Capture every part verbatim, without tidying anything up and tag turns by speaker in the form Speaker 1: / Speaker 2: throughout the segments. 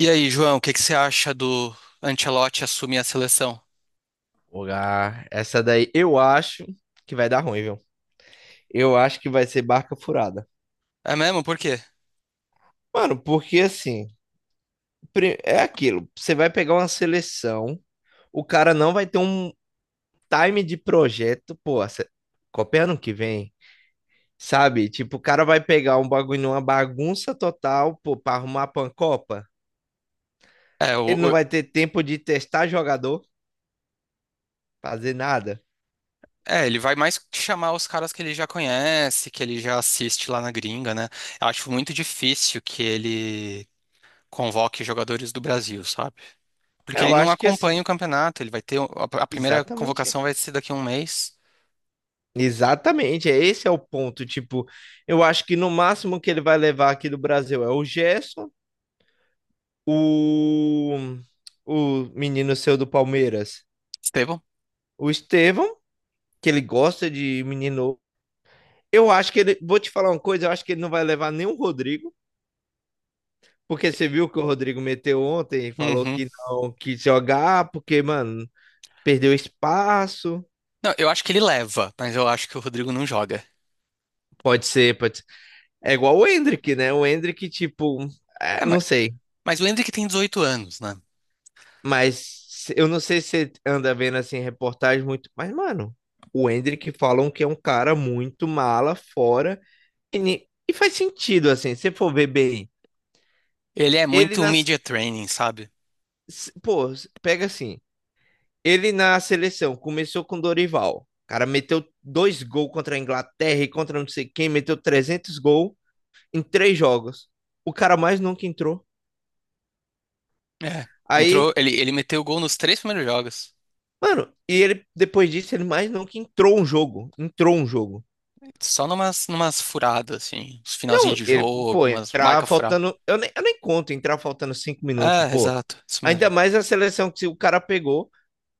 Speaker 1: E aí, João, o que que você acha do Ancelotti assumir a seleção?
Speaker 2: Lugar. Essa daí eu acho que vai dar ruim, viu? Eu acho que vai ser barca furada.
Speaker 1: É mesmo? Por quê?
Speaker 2: Mano, porque assim, pri- é aquilo. Você vai pegar uma seleção, o cara não vai ter um time de projeto, pô, se- Copa é ano que vem, sabe? Tipo, o cara vai pegar um bagulho, uma bagunça total, pô, pra arrumar pra uma Copa.
Speaker 1: É, o-
Speaker 2: Ele não
Speaker 1: o-
Speaker 2: vai ter tempo de testar jogador, fazer nada.
Speaker 1: é, ele vai mais chamar os caras que ele já conhece, que ele já assiste lá na gringa, né? Eu acho muito difícil que ele convoque jogadores do Brasil, sabe? Porque ele
Speaker 2: Eu
Speaker 1: não
Speaker 2: acho que
Speaker 1: acompanha
Speaker 2: assim,
Speaker 1: o campeonato, ele vai ter. A a primeira
Speaker 2: exatamente
Speaker 1: convocação vai ser daqui a um mês.
Speaker 2: Exatamente, é esse é o ponto. Tipo, eu acho que no máximo que ele vai levar aqui do Brasil é o Gerson, o, o menino seu do Palmeiras,
Speaker 1: Estevão?
Speaker 2: o Estevão, que ele gosta de menino. Eu acho que ele, vou te falar uma coisa, eu acho que ele não vai levar nem o Rodrigo, porque você viu que o Rodrigo meteu ontem e falou
Speaker 1: Uhum.
Speaker 2: que não quis jogar, porque, mano, perdeu espaço.
Speaker 1: Não, eu acho que ele leva, mas eu acho que o Rodrigo não joga.
Speaker 2: Pode ser, pode ser. É igual o Endrick, né? O Endrick, tipo, é,
Speaker 1: É, mas,
Speaker 2: não sei.
Speaker 1: mas lembre que tem dezoito anos, né?
Speaker 2: Mas se- eu não sei se você anda vendo assim reportagem muito, mas mano, o Endrick falam que é um cara muito mala fora e, ni- e faz sentido assim, se você for ver bem.
Speaker 1: Ele é
Speaker 2: Ele
Speaker 1: muito
Speaker 2: nas
Speaker 1: media training, sabe?
Speaker 2: se- Pô, pega assim, ele na seleção começou com Dorival. O cara meteu dois gols contra a Inglaterra e contra não sei quem, meteu trezentos gols em três jogos. O cara mais nunca entrou.
Speaker 1: É.
Speaker 2: Aí,
Speaker 1: Entrou, ele, ele meteu gol nos três primeiros jogos.
Speaker 2: mano, e ele depois disso ele mais nunca entrou um jogo, entrou um jogo.
Speaker 1: Só numas, numas furadas, assim. Uns finalzinhos
Speaker 2: Não,
Speaker 1: de
Speaker 2: ele,
Speaker 1: jogo,
Speaker 2: pô,
Speaker 1: umas
Speaker 2: entrar
Speaker 1: marca furar.
Speaker 2: faltando. Eu nem, eu nem conto entrar faltando cinco minutos,
Speaker 1: É,
Speaker 2: pô.
Speaker 1: exato. Isso
Speaker 2: Ainda
Speaker 1: mesmo.
Speaker 2: mais a seleção que o cara pegou,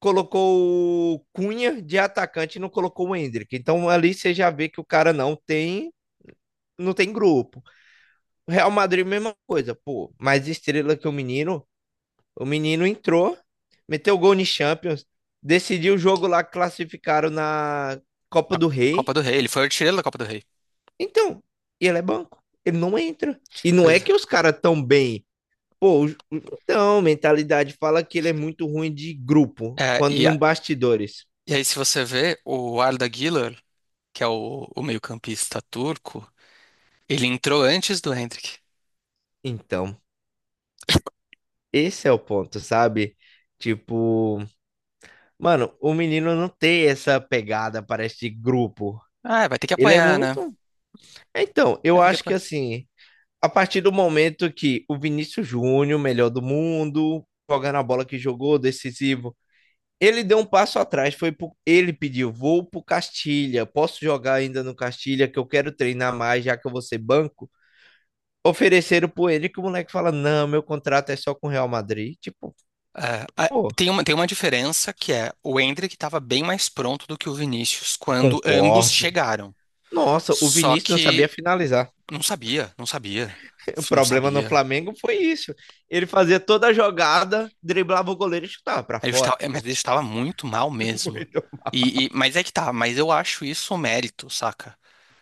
Speaker 2: colocou o Cunha de atacante e não colocou o Endrick. Então ali você já vê que o cara não tem, não tem grupo. Real Madrid, mesma coisa, pô. Mais estrela que o menino. O menino entrou, meteu gol no Champions, decidiu o jogo lá que classificaram na Copa
Speaker 1: A
Speaker 2: do
Speaker 1: Copa
Speaker 2: Rei.
Speaker 1: do Rei. Ele foi o artilheiro da Copa do Rei.
Speaker 2: Então, e ele é banco. Ele não entra. E não é
Speaker 1: Pois é.
Speaker 2: que os caras tão bem. Pô, os- então, mentalidade fala que ele é muito ruim de grupo,
Speaker 1: É,
Speaker 2: quando
Speaker 1: e,
Speaker 2: num
Speaker 1: a-
Speaker 2: bastidores.
Speaker 1: e aí, se você vê, o Arda Güler, que é o, o meio-campista turco, ele entrou antes do Hendrick.
Speaker 2: Então, esse é o ponto, sabe? Tipo, mano, o menino não tem essa pegada para este grupo.
Speaker 1: Ah, vai ter que
Speaker 2: Ele é
Speaker 1: apanhar, né?
Speaker 2: muito. Então, eu
Speaker 1: Vai ter que
Speaker 2: acho que
Speaker 1: apanhar.
Speaker 2: assim, a partir do momento que o Vinícius Júnior, melhor do mundo, jogando a bola que jogou, decisivo, ele deu um passo atrás, foi pro... ele pediu, vou pro Castilha, posso jogar ainda no Castilha que eu quero treinar mais, já que eu vou ser banco. Ofereceram por ele que o moleque fala: Não, meu contrato é só com o Real Madrid. Tipo,
Speaker 1: É, a-
Speaker 2: pô,
Speaker 1: tem uma, tem uma diferença que é o Hendrick estava bem mais pronto do que o Vinícius quando ambos
Speaker 2: concordo.
Speaker 1: chegaram.
Speaker 2: Nossa, o
Speaker 1: Só
Speaker 2: Vinícius não sabia
Speaker 1: que
Speaker 2: finalizar.
Speaker 1: Não sabia, não sabia,
Speaker 2: O
Speaker 1: não
Speaker 2: problema no
Speaker 1: sabia.
Speaker 2: Flamengo foi isso. Ele fazia toda a jogada, driblava o goleiro e chutava pra
Speaker 1: Ele
Speaker 2: fora.
Speaker 1: estava, é, mas
Speaker 2: Pô.
Speaker 1: ele estava muito mal mesmo.
Speaker 2: Muito.
Speaker 1: E, e- mas é que tá, mas eu acho isso um mérito, saca?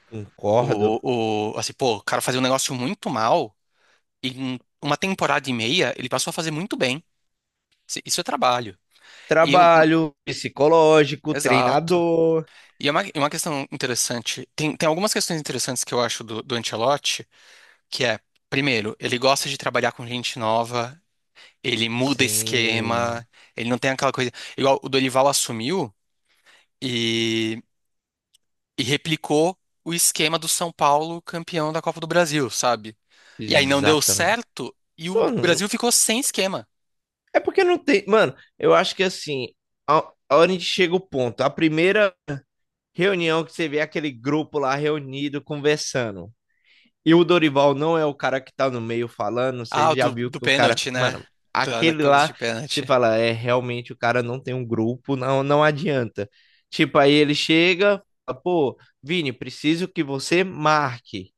Speaker 2: Concordo.
Speaker 1: O, o, assim, pô, o cara fazia um negócio muito mal e em uma temporada e meia ele passou a fazer muito bem. Isso isso é trabalho. E um-
Speaker 2: Trabalho psicológico,
Speaker 1: Exato.
Speaker 2: treinador.
Speaker 1: E é uma, é uma questão interessante. Tem, tem algumas questões interessantes que eu acho do, do Ancelotti, que é, primeiro, ele gosta de trabalhar com gente nova. Ele muda
Speaker 2: Sim,
Speaker 1: esquema, ele não tem aquela coisa. Igual o Dorival assumiu e, e replicou o esquema do São Paulo campeão da Copa do Brasil, sabe? E aí não deu
Speaker 2: exatamente.
Speaker 1: certo e o
Speaker 2: Pô, não-
Speaker 1: Brasil ficou sem esquema.
Speaker 2: É porque não tem. Mano, eu acho que assim, a, a hora onde chega o ponto. A primeira reunião que você vê aquele grupo lá reunido conversando. E o Dorival não é o cara que tá no meio falando, você
Speaker 1: Ah, o
Speaker 2: já
Speaker 1: do,
Speaker 2: viu
Speaker 1: do
Speaker 2: que o cara,
Speaker 1: pênalti, né?
Speaker 2: mano,
Speaker 1: Da, da
Speaker 2: aquele
Speaker 1: coisa de
Speaker 2: lá, você
Speaker 1: pênalti.
Speaker 2: fala, é realmente o cara não tem um grupo, não, não adianta. Tipo, aí ele chega, fala, pô, Vini, preciso que você marque.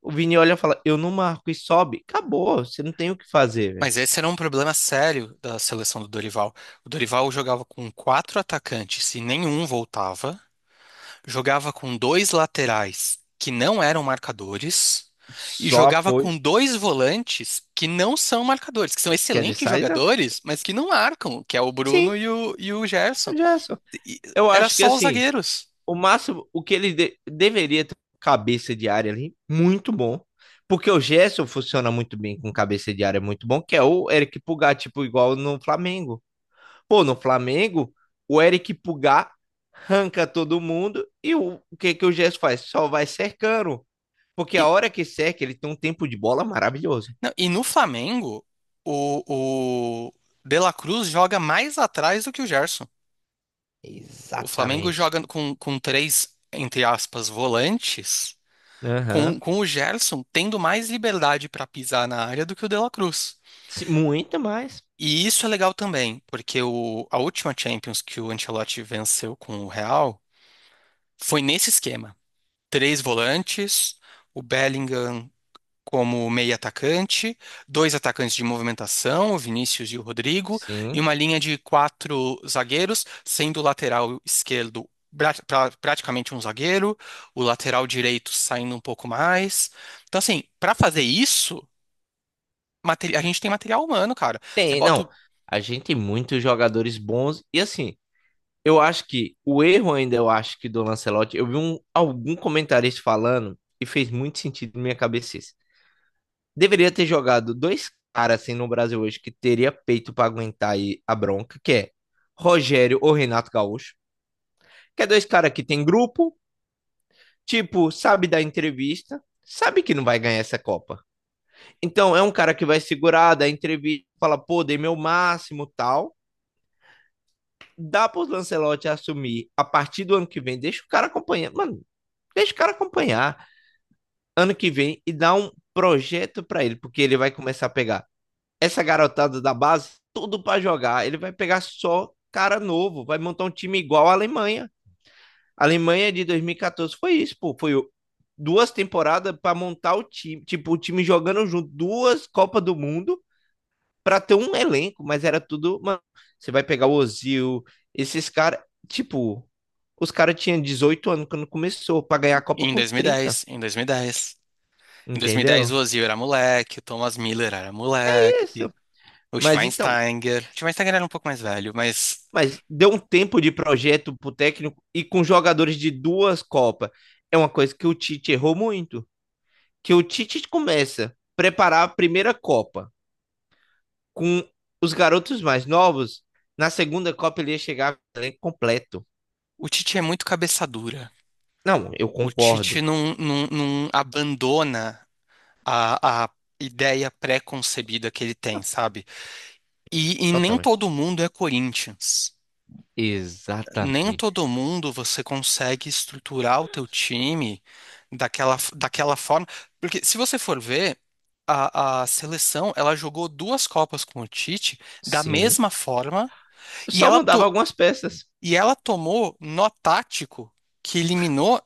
Speaker 2: O Vini olha e fala, eu não marco e sobe. Acabou, você não tem o que fazer, velho.
Speaker 1: Mas esse era um problema sério da seleção do Dorival. O Dorival jogava com quatro atacantes e nenhum voltava. Jogava com dois laterais que não eram marcadores e
Speaker 2: Só
Speaker 1: jogava
Speaker 2: apoio.
Speaker 1: com dois volantes que não são marcadores, que são
Speaker 2: Quer de
Speaker 1: excelentes
Speaker 2: saída?
Speaker 1: jogadores, mas que não marcam, que é o Bruno
Speaker 2: Sim,
Speaker 1: e o, e o Gerson.
Speaker 2: Gerson.
Speaker 1: E-
Speaker 2: Eu
Speaker 1: Era
Speaker 2: acho que
Speaker 1: só os
Speaker 2: assim,
Speaker 1: zagueiros.
Speaker 2: o máximo, o que ele de- deveria ter cabeça de área ali, muito bom. Porque o Gerson funciona muito bem com cabeça de área, muito bom, que é o Eric Pulgar, tipo, igual no Flamengo. Pô, no Flamengo, o Eric Pulgar arranca todo mundo e o, o que que o Gerson faz? Só vai cercando. Porque
Speaker 1: E,
Speaker 2: a hora que cerca, ele tem um tempo de bola maravilhoso.
Speaker 1: não, e no Flamengo, o, o De La Cruz joga mais atrás do que o Gerson. O Flamengo
Speaker 2: Exatamente.
Speaker 1: joga com, com três, entre aspas, volantes. Com,
Speaker 2: Aham.
Speaker 1: com o Gerson tendo mais liberdade para pisar na área do que o De La Cruz.
Speaker 2: Se- Muito mais.
Speaker 1: E isso é legal também, porque o, a última Champions que o Ancelotti venceu com o Real foi nesse esquema. Três volantes, o Bellingham como meio atacante, dois atacantes de movimentação, o Vinícius e o Rodrigo, e
Speaker 2: Sim.
Speaker 1: uma linha de quatro zagueiros, sendo o lateral esquerdo pra- pra- praticamente um zagueiro, o lateral direito saindo um pouco mais. Então, assim, para fazer isso, materi- a gente tem material humano, cara. Você
Speaker 2: Tem,
Speaker 1: bota
Speaker 2: não. A gente tem muitos jogadores bons. E assim, eu acho que o erro ainda, eu acho que do Lancelotti, eu vi um, algum comentarista falando e fez muito sentido na minha cabeça. Isso. Deveria ter jogado dois caras assim no Brasil hoje que teria peito pra aguentar aí a bronca, que é Rogério ou Renato Gaúcho, que é dois caras que tem grupo, tipo, sabe da entrevista, sabe que não vai ganhar essa Copa. Então é um cara que vai segurar, dar entrevista, fala, pô, dei meu máximo, tal. Dá para o Lancelotti assumir a partir do ano que vem, deixa o cara acompanhar, mano, deixa o cara acompanhar ano que vem e dá um projeto para ele, porque ele vai começar a pegar essa garotada da base, tudo para jogar, ele vai pegar só cara novo, vai montar um time igual a Alemanha. A Alemanha de dois mil e quatorze foi isso, pô, foi duas temporadas para montar o time, tipo, o time jogando junto, duas Copa do Mundo para ter um elenco, mas era tudo, mano, você vai pegar o Ozil, esses caras, tipo, os caras tinham dezoito anos quando começou, para ganhar a Copa
Speaker 1: em
Speaker 2: com trinta,
Speaker 1: dois mil e dez, em dois mil e dez. Em dois mil e dez
Speaker 2: entendeu?
Speaker 1: o Ozil era moleque, o Thomas Miller era moleque,
Speaker 2: Isso.
Speaker 1: o
Speaker 2: Mas então,
Speaker 1: Schweinsteiger. O Schweinsteiger era um pouco mais velho, mas
Speaker 2: mas deu um tempo de projeto pro técnico e com jogadores de duas Copas. É uma coisa que o Tite errou muito, que o Tite começa a preparar a primeira Copa com os garotos mais novos, na segunda Copa ele ia chegar com o elenco completo.
Speaker 1: o Tite é muito cabeça dura.
Speaker 2: Não, eu
Speaker 1: O Tite
Speaker 2: concordo.
Speaker 1: não, não, não abandona a, a ideia pré-concebida que ele tem, sabe? E, e nem
Speaker 2: Total.
Speaker 1: todo mundo é Corinthians. Nem
Speaker 2: Exatamente.
Speaker 1: todo mundo você consegue estruturar o teu time daquela, daquela forma. Porque se você for ver, a, a seleção ela jogou duas Copas com o Tite da
Speaker 2: Sim.
Speaker 1: mesma forma e
Speaker 2: Só
Speaker 1: ela,
Speaker 2: mudava
Speaker 1: to,
Speaker 2: algumas peças.
Speaker 1: e ela tomou nó tático que eliminou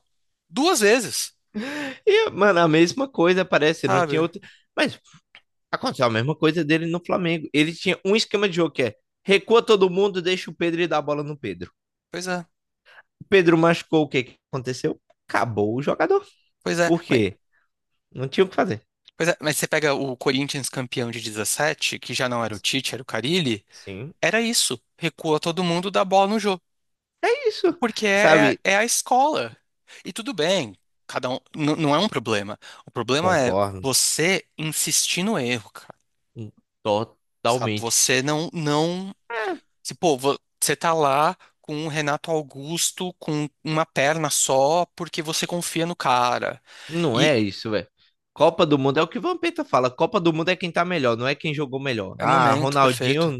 Speaker 1: duas vezes,
Speaker 2: E, mano, a mesma coisa parece, não tinha
Speaker 1: sabe?
Speaker 2: outra. Mas aconteceu a mesma coisa dele no Flamengo. Ele tinha um esquema de jogo que é recua todo mundo, deixa o Pedro e dá a bola no Pedro.
Speaker 1: Pois é,
Speaker 2: O Pedro machucou, o que que aconteceu? Acabou o jogador.
Speaker 1: pois é.
Speaker 2: Por
Speaker 1: Mas,
Speaker 2: quê? Não tinha o que fazer.
Speaker 1: pois é, mas você pega o Corinthians campeão de dezessete, que já não era o Tite, era o Carille,
Speaker 2: Sim.
Speaker 1: era isso. Recua todo mundo, dá bola no jogo.
Speaker 2: É isso.
Speaker 1: Porque é,
Speaker 2: Sabe?
Speaker 1: é, é a escola. E tudo bem, cada um n- não é um problema. O problema é
Speaker 2: Concordo,
Speaker 1: você insistir no erro, cara.
Speaker 2: hum,
Speaker 1: Sabe?
Speaker 2: totalmente.
Speaker 1: Você não não,
Speaker 2: É,
Speaker 1: Se, pô, vo- você tá lá com o Renato Augusto com uma perna só porque você confia no cara.
Speaker 2: não
Speaker 1: E
Speaker 2: é isso, velho. Copa do Mundo é o que o Vampeta fala. Copa do Mundo é quem tá melhor, não é quem jogou melhor.
Speaker 1: é
Speaker 2: Ah,
Speaker 1: momento perfeito.
Speaker 2: Ronaldinho.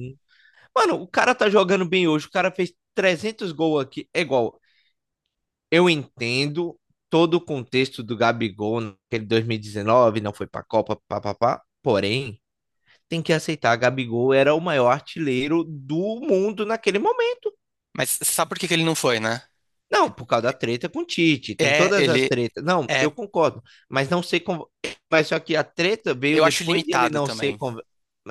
Speaker 2: Mano, o cara tá jogando bem hoje. O cara fez trezentos gols aqui. É igual. Eu entendo todo o contexto do Gabigol naquele dois mil e dezenove, não foi pra Copa, papapá. Porém, tem que aceitar. Gabigol era o maior artilheiro do mundo naquele momento.
Speaker 1: Mas sabe por que que ele não foi, né?
Speaker 2: Não, por causa da treta com o Tite, tem
Speaker 1: É, é,
Speaker 2: todas as
Speaker 1: ele
Speaker 2: tretas. Não,
Speaker 1: é,
Speaker 2: eu concordo, mas não sei como. Mas só que a treta veio
Speaker 1: eu acho
Speaker 2: depois de ele
Speaker 1: limitado
Speaker 2: não ser.
Speaker 1: também.
Speaker 2: Con...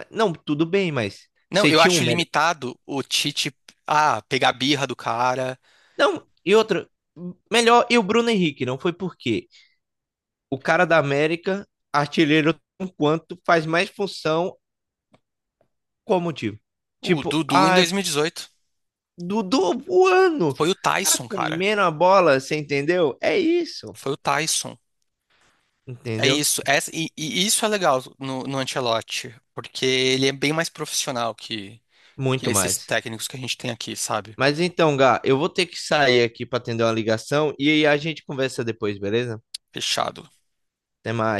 Speaker 2: Não, tudo bem, mas
Speaker 1: Não,
Speaker 2: você
Speaker 1: eu
Speaker 2: tinha um
Speaker 1: acho
Speaker 2: melhor.
Speaker 1: limitado o Tite, ah, pegar a birra do cara.
Speaker 2: Não, e outra, melhor. E o Bruno Henrique, não foi porque o cara da América, artilheiro, enquanto faz mais função, qual motivo?
Speaker 1: O
Speaker 2: Tipo,
Speaker 1: Dudu em
Speaker 2: ai,
Speaker 1: dois mil e dezoito.
Speaker 2: Dudu voando,
Speaker 1: Foi o
Speaker 2: cara
Speaker 1: Tyson, cara.
Speaker 2: comendo a bola, você entendeu? É isso,
Speaker 1: Foi o Tyson. É
Speaker 2: entendeu?
Speaker 1: isso. Essa- e, e isso é legal no, no Ancelotti, porque ele é bem mais profissional que, que
Speaker 2: Muito
Speaker 1: esses
Speaker 2: mais.
Speaker 1: técnicos que a gente tem aqui, sabe?
Speaker 2: Mas então, Gá, eu vou ter que sair aqui para atender uma ligação e aí a gente conversa depois, beleza?
Speaker 1: Fechado.
Speaker 2: Até mais.